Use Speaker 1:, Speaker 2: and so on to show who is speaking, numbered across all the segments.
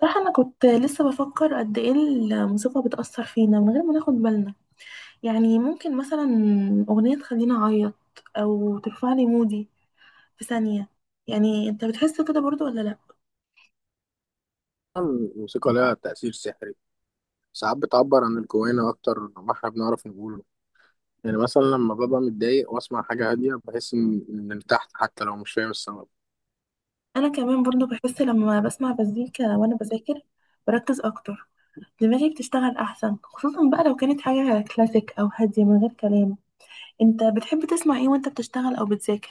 Speaker 1: صراحة أنا كنت لسه بفكر قد إيه الموسيقى بتأثر فينا من غير ما ناخد بالنا. يعني ممكن مثلا أغنية تخليني أعيط أو ترفع لي مودي في ثانية. يعني أنت بتحس كده برضو ولا لأ؟
Speaker 2: الموسيقى لها تأثير سحري. ساعات بتعبر عن الجوانا أكتر ما احنا بنعرف نقوله. يعني مثلا لما ببقى متضايق وأسمع حاجة هادية بحس إني ارتحت حتى لو مش فاهم السبب.
Speaker 1: أنا كمان برضو بحس لما بسمع مزيكا وأنا بذاكر، بركز أكتر، دماغي بتشتغل أحسن، خصوصا بقى لو كانت حاجة كلاسيك أو هادية من غير كلام. أنت بتحب تسمع إيه وأنت بتشتغل أو بتذاكر؟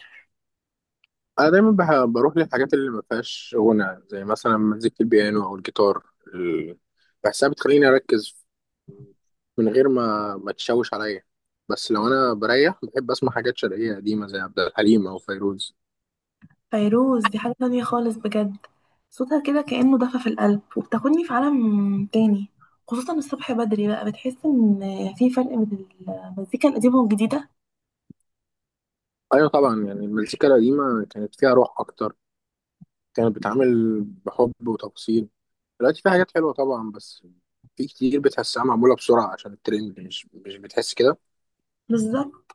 Speaker 2: أنا دايما بروح للحاجات اللي ما فيهاش غنى، زي مثلا مزيكة البيانو أو الجيتار. ال- بحسها بتخليني أركز من غير ما تشوش عليا. بس لو أنا بريح بحب أسمع حاجات شرقية قديمة زي عبد الحليم أو فيروز.
Speaker 1: فيروز دي حاجة تانية خالص بجد. صوتها كده كأنه دفى في القلب وبتاخدني في عالم تاني، خصوصا الصبح بدري بقى. بتحس ان في فرق بين المزيكا القديمة والجديدة.
Speaker 2: أيوة طبعا، يعني المزيكا القديمة كانت فيها روح أكتر، كانت بتعامل بحب وتفاصيل. دلوقتي في حاجات حلوة طبعا، بس في كتير بتحسها معمولة بسرعة عشان الترند، مش بتحس كده؟
Speaker 1: بالظبط.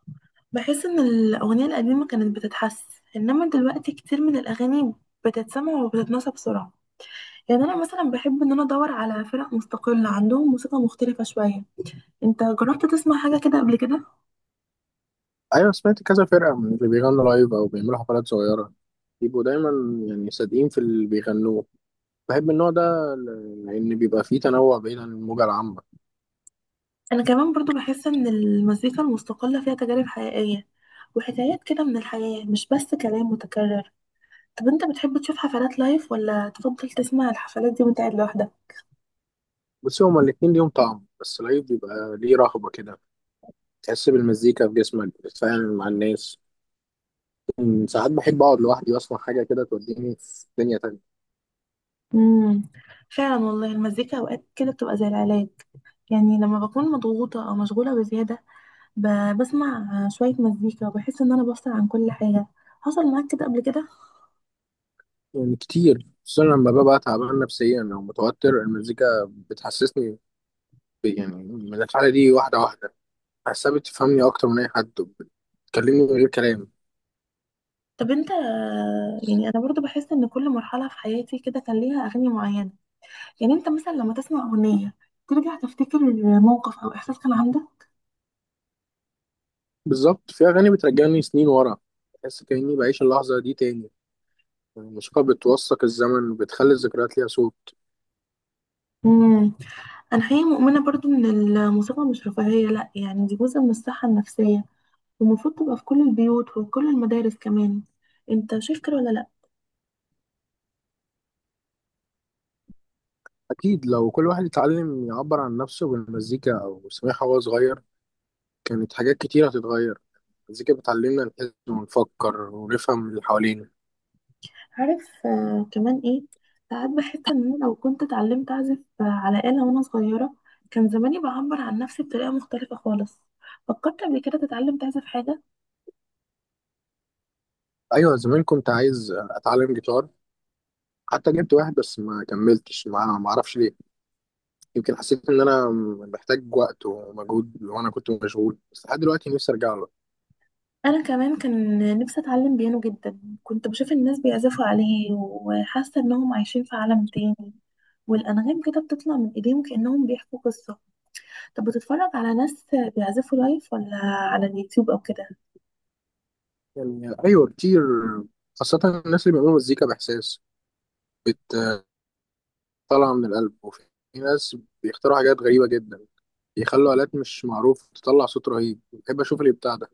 Speaker 1: بحس ان الأغنية القديمة كانت بتتحس، انما دلوقتي كتير من الأغاني بتتسمع وبتتنسى بسرعة. يعني انا مثلا بحب ان انا ادور على فرق مستقلة عندهم موسيقى مختلفة شوية. انت جربت تسمع حاجة كده قبل كده؟
Speaker 2: أيوة سمعت كذا فرقة من اللي بيغنوا لايف أو بيعملوا حفلات صغيرة. بيبقوا دايما يعني صادقين في اللي بيغنوه. بحب النوع ده لأن بيبقى فيه تنوع بعيد عن الموجة العامة.
Speaker 1: انا كمان برضو بحس ان المزيكا المستقلة فيها تجارب حقيقية وحكايات كده من الحياة، مش بس كلام متكرر. طب انت بتحب تشوف حفلات لايف ولا تفضل تسمع الحفلات دي وانت قاعد لوحدك؟
Speaker 2: بس هما الاتنين ليهم طعم، بس لايف بيبقى ليه رهبة كده، تحس بالمزيكا في جسمك، بتتفاعل مع الناس. ساعات بحب أقعد لوحدي وأسمع حاجة كده توديني في دنيا تانية.
Speaker 1: امم فعلا والله المزيكا اوقات كده بتبقى زي العلاج. يعني لما بكون مضغوطة او مشغولة بزيادة، بسمع شوية مزيكا وبحس ان انا بفصل عن كل حاجة. حصل معاك كده قبل كده؟
Speaker 2: يعني كتير، خصوصا لما ببقى تعبان نفسيا او متوتر، المزيكا بتحسسني يعني من الحاله دي واحده واحده. بحسها بتفهمني اكتر من اي حد، بتكلمني من غير كلام.
Speaker 1: طب انت، يعني انا برضو بحس ان كل مرحلة في حياتي كده كان ليها اغاني معينة. يعني انت مثلا لما تسمع اغنيه ترجع تفتكر موقف او احساس كان عندك؟
Speaker 2: بالظبط، في اغاني بترجعني سنين ورا، بحس كاني بعيش اللحظه دي تاني. الموسيقى بتوثق الزمن وبتخلي الذكريات ليها صوت.
Speaker 1: امم انا حقيقه مؤمنه برضو ان الموسيقى مش رفاهيه، لا، يعني دي جزء من الصحه النفسيه، والمفروض تبقى في كل البيوت وفي كل المدارس كمان. انت شايف كده ولا لا؟
Speaker 2: اكيد، لو كل واحد اتعلم يعبر عن نفسه بالمزيكا او سمعها وهو صغير، كانت حاجات كتير هتتغير. المزيكا بتعلمنا نحس ونفكر ونفهم اللي حوالينا.
Speaker 1: عارف كمان ايه؟ ساعات بحس ان انا لو كنت اتعلمت اعزف على آلة وانا صغيره، كان زماني بعبر عن نفسي بطريقه مختلفه خالص. فكرت قبل كده تتعلم تعزف حاجه؟
Speaker 2: ايوه، زمان كنت عايز اتعلم جيتار، حتى جبت واحد بس ما كملتش معاه، ما اعرفش ليه. يمكن حسيت ان انا محتاج وقت ومجهود وانا كنت مشغول، بس لحد دلوقتي نفسي ارجع له.
Speaker 1: انا كمان كان نفسي اتعلم بيانو جدا. كنت بشوف الناس بيعزفوا عليه وحاسه انهم عايشين في عالم تاني، والانغام كده بتطلع من ايديهم كانهم بيحكوا قصه. طب بتتفرج على ناس بيعزفوا لايف ولا على اليوتيوب او كده؟
Speaker 2: يعني ايوه كتير، خاصة الناس اللي بيعملوا مزيكا باحساس بتطلع من القلب. وفي ناس بيختاروا حاجات غريبة جدا، بيخلوا آلات مش معروف تطلع صوت رهيب. بحب اشوف اللي بتاع ده.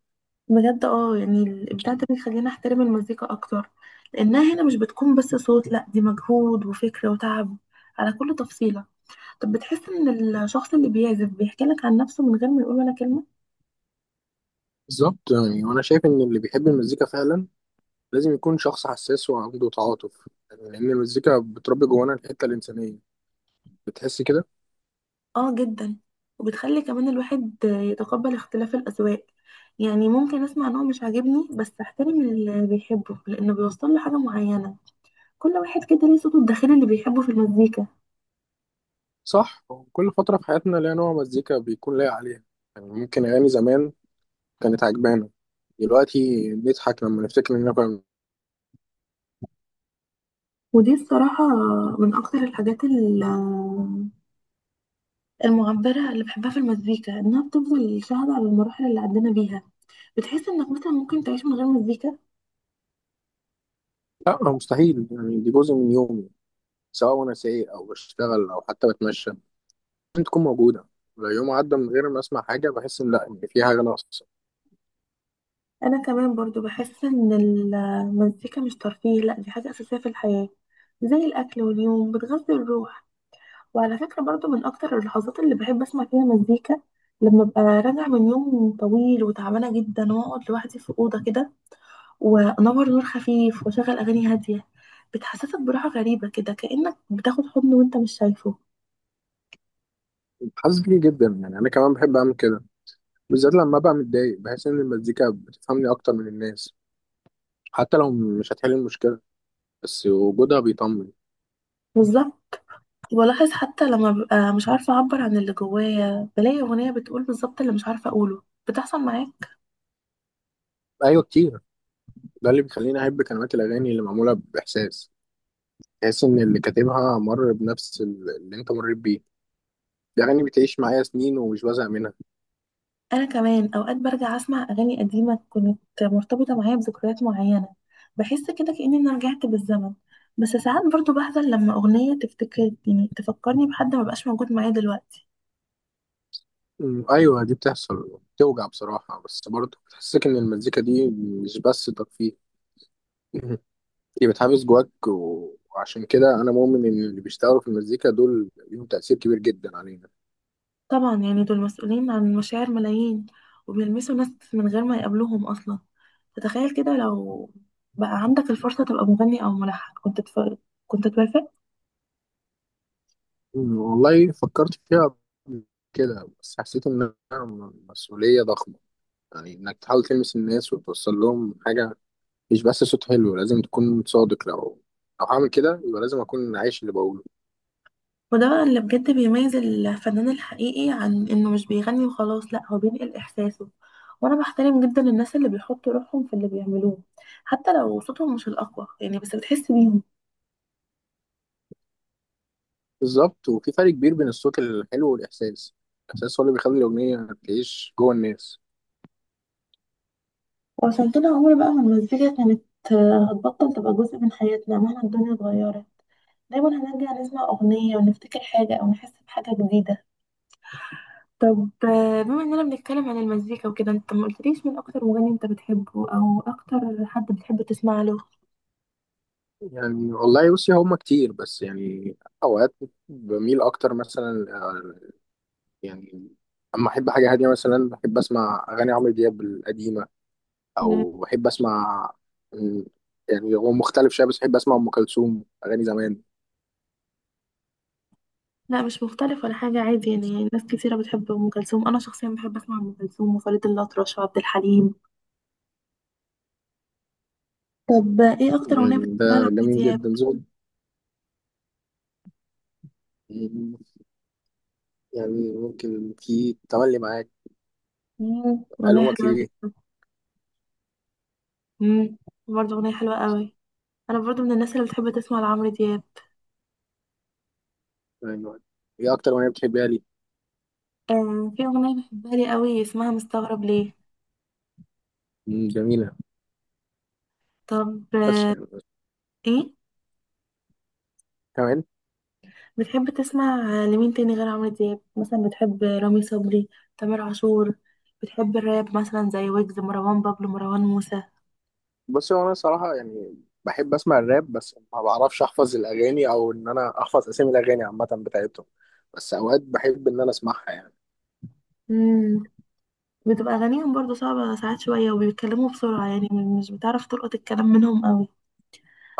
Speaker 1: بجد يعني الابداع ده بيخلينا احترم المزيكا اكتر، لانها هنا مش بتكون بس صوت، لا دي مجهود وفكر وتعب على كل تفصيله. طب بتحس ان الشخص اللي بيعزف بيحكي لك عن نفسه من غير ما يقول ولا كلمه؟
Speaker 2: بالظبط، يعني وانا شايف ان اللي بيحب المزيكا فعلا لازم يكون شخص حساس وعنده تعاطف، يعني لان المزيكا بتربي جوانا الحتة الإنسانية، بتحس كده.
Speaker 1: اه جدا. وبتخلي كمان الواحد يتقبل اختلاف الأذواق. يعني ممكن اسمع نوع مش عاجبني بس احترم اللي بيحبه لانه بيوصل له حاجة معينة. كل واحد كده ليه صوته الداخلي اللي بيحبه في المزيكا.
Speaker 2: صح، كل فترة في حياتنا ليها نوع مزيكا بيكون لايق عليها. يعني ممكن أغاني زمان كانت عجبانا، دلوقتي نضحك لما نفتكر إننا كنا.
Speaker 1: ودي الصراحة من اكتر الحاجات المعبرة اللي بحبها في المزيكا، انها بتفضل شاهدة على المراحل اللي عدينا بيها. بتحس انك مثلا ممكن تعيش من غير مزيكا؟
Speaker 2: لا مستحيل، يعني دي جزء من يومي، سواء وأنا سايق أو بشتغل أو حتى بتمشى، لازم تكون موجودة. لو يوم عدى من غير ما أسمع حاجة بحس إن، لا، إن في حاجة ناقصة.
Speaker 1: انا كمان برضو بحس ان المزيكا مش ترفيه، لا دي حاجة اساسية في الحياة زي الأكل واليوم بتغذي الروح. وعلى فكرة برضو من أكتر اللحظات اللي بحب أسمع فيها مزيكا لما أبقى راجعة من يوم طويل وتعبانة جدا وأقعد لوحدي في أوضة كده وأنور نور خفيف وأشغل أغاني هادية. بتحسسك براحة غريبة كده كأنك بتاخد حضن وأنت مش شايفه.
Speaker 2: حاسس بيه جدا، يعني أنا كمان بحب أعمل كده. بالذات لما أبقى متضايق بحس إن المزيكا بتفهمني أكتر من الناس، حتى لو مش هتحل المشكلة، بس وجودها بيطمن.
Speaker 1: بالظبط. ولاحظ حتى لما ببقى مش عارفة أعبر عن اللي جوايا بلاقي أغنية بتقول بالظبط اللي مش عارفة أقوله. بتحصل معايا؟
Speaker 2: أيوة كتير، ده اللي بيخليني احب كلمات الاغاني اللي معموله باحساس. تحس ان اللي كاتبها مر بنفس اللي انت مريت بيه. الاغاني بتعيش معايا سنين ومش بزهق منها.
Speaker 1: انا كمان اوقات برجع اسمع اغاني قديمه كانت مرتبطه معايا بذكريات معينه، بحس كده كاني انا رجعت بالزمن. بس ساعات برضو بحزن لما اغنيه تفتكر، يعني تفكرني بحد ما بقاش موجود معايا دلوقتي.
Speaker 2: ايوه دي بتحصل، بتوجع بصراحه، بس برضه بتحسك ان المزيكا دي مش بس ترفيه. أمم، دي بتحبس جواك وعشان كده انا مؤمن ان اللي بيشتغلوا في المزيكا دول ليهم تاثير كبير جدا علينا.
Speaker 1: طبعا يعني دول مسؤولين عن مشاعر ملايين وبيلمسوا ناس من غير ما يقابلوهم اصلا. فتخيل كده لو بقى عندك الفرصه تبقى مغني او ملحن، كنت توافق؟
Speaker 2: والله فكرت فيها قبل كده، بس حسيت انها مسؤوليه ضخمه. يعني انك تحاول تلمس الناس وتوصل لهم حاجه، مش بس صوت حلو، لازم تكون صادق. لو هعمل كده يبقى لازم اكون عايش اللي بقوله.
Speaker 1: وده بقى اللي بجد بيميز الفنان الحقيقي، عن انه مش بيغني وخلاص، لا هو بينقل احساسه. وانا بحترم جدا الناس اللي بيحطوا روحهم في اللي بيعملوه حتى لو صوتهم مش الاقوى، يعني بس بتحس بيهم.
Speaker 2: بالظبط، وفي فرق كبير بين الصوت الحلو والاحساس. الاحساس هو اللي بيخلي الاغنيه تعيش جوه الناس.
Speaker 1: وعشان كده عمر بقى ما المزيكا كانت هتبطل تبقى جزء من حياتنا مهما الدنيا اتغيرت. دايما هنرجع نسمع اغنية ونفتكر حاجة او نحس بحاجة جديدة. طب بما اننا بنتكلم عن المزيكا وكده، انت ما قلتليش مين اكتر مغني انت بتحبه او اكتر حد بتحب تسمع له؟
Speaker 2: يعني والله بصي، هما كتير بس يعني اوقات بميل اكتر مثلا يعني اما احب حاجه هاديه مثلا بحب اسمع اغاني عمرو دياب القديمه، او بحب اسمع، م، يعني هو مختلف شويه، بس بحب اسمع ام كلثوم اغاني زمان.
Speaker 1: لا مش مختلف ولا حاجة، عادي، يعني ناس كتيرة بتحب أم كلثوم. أنا شخصيا بحب أسمع أم كلثوم وفريد الأطرش وعبد الحليم. طب إيه أكتر أغنية
Speaker 2: يعني ده
Speaker 1: بتحبها لعمرو
Speaker 2: جميل
Speaker 1: دياب؟
Speaker 2: جدا، ذوق. يعني ممكن في تملي معاك.
Speaker 1: أغنية
Speaker 2: ألومك
Speaker 1: حلوة
Speaker 2: ليه.
Speaker 1: جدا. مم، برضه أغنية حلوة قوي. أنا برضه من الناس اللي بتحب تسمع لعمرو دياب.
Speaker 2: يعني هي أكتر أغنية بتحبها لي.
Speaker 1: آه في أغنية بحبها لي قوي اسمها مستغرب ليه.
Speaker 2: مم، جميلة.
Speaker 1: طب
Speaker 2: بس يعني
Speaker 1: إيه
Speaker 2: كمان.
Speaker 1: بتحب تسمع لمين تاني غير عمرو دياب؟ مثلا بتحب رامي صبري؟ تامر عاشور؟ بتحب الراب مثلا زي ويجز، مروان بابلو، مروان موسى؟
Speaker 2: بص، هو أنا صراحة يعني بحب أسمع الراب، بس ما بعرفش أحفظ الأغاني، أو إن أنا أحفظ أسامي الأغاني عامة بتاعتهم. بس أوقات بحب إن أنا أسمعها يعني.
Speaker 1: مم، بتبقى أغانيهم برضو صعبة ساعات شوية وبيتكلموا بسرعة، يعني مش بتعرف تلقط الكلام منهم قوي.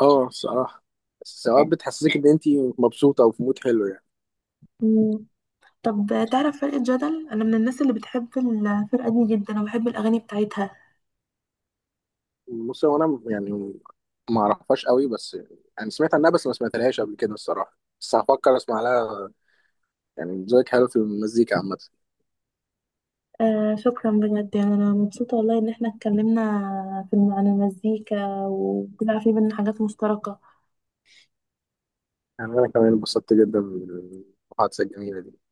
Speaker 2: أه الصراحة، بس أوقات بتحسسك إن أنت مبسوطة وفي مود حلو يعني.
Speaker 1: مم. طب تعرف فرقة جدل؟ أنا من الناس اللي بتحب الفرقة دي جدا وبحب الأغاني بتاعتها.
Speaker 2: بص، هو أنا يعني ما أعرفهاش قوي، بس يعني سمعت عنها، بس ما سمعتلهاش قبل كده الصراحة، بس هفكر أسمع لها. يعني ذوقك حلو في المزيكا عامة.
Speaker 1: آه شكرا بجد، يعني أنا مبسوطة والله إن احنا اتكلمنا في عن المزيكا وطلع في بينا حاجات مشتركة.
Speaker 2: يعني أنا كمان انبسطت جدا بالمحادثة الجميلة دي.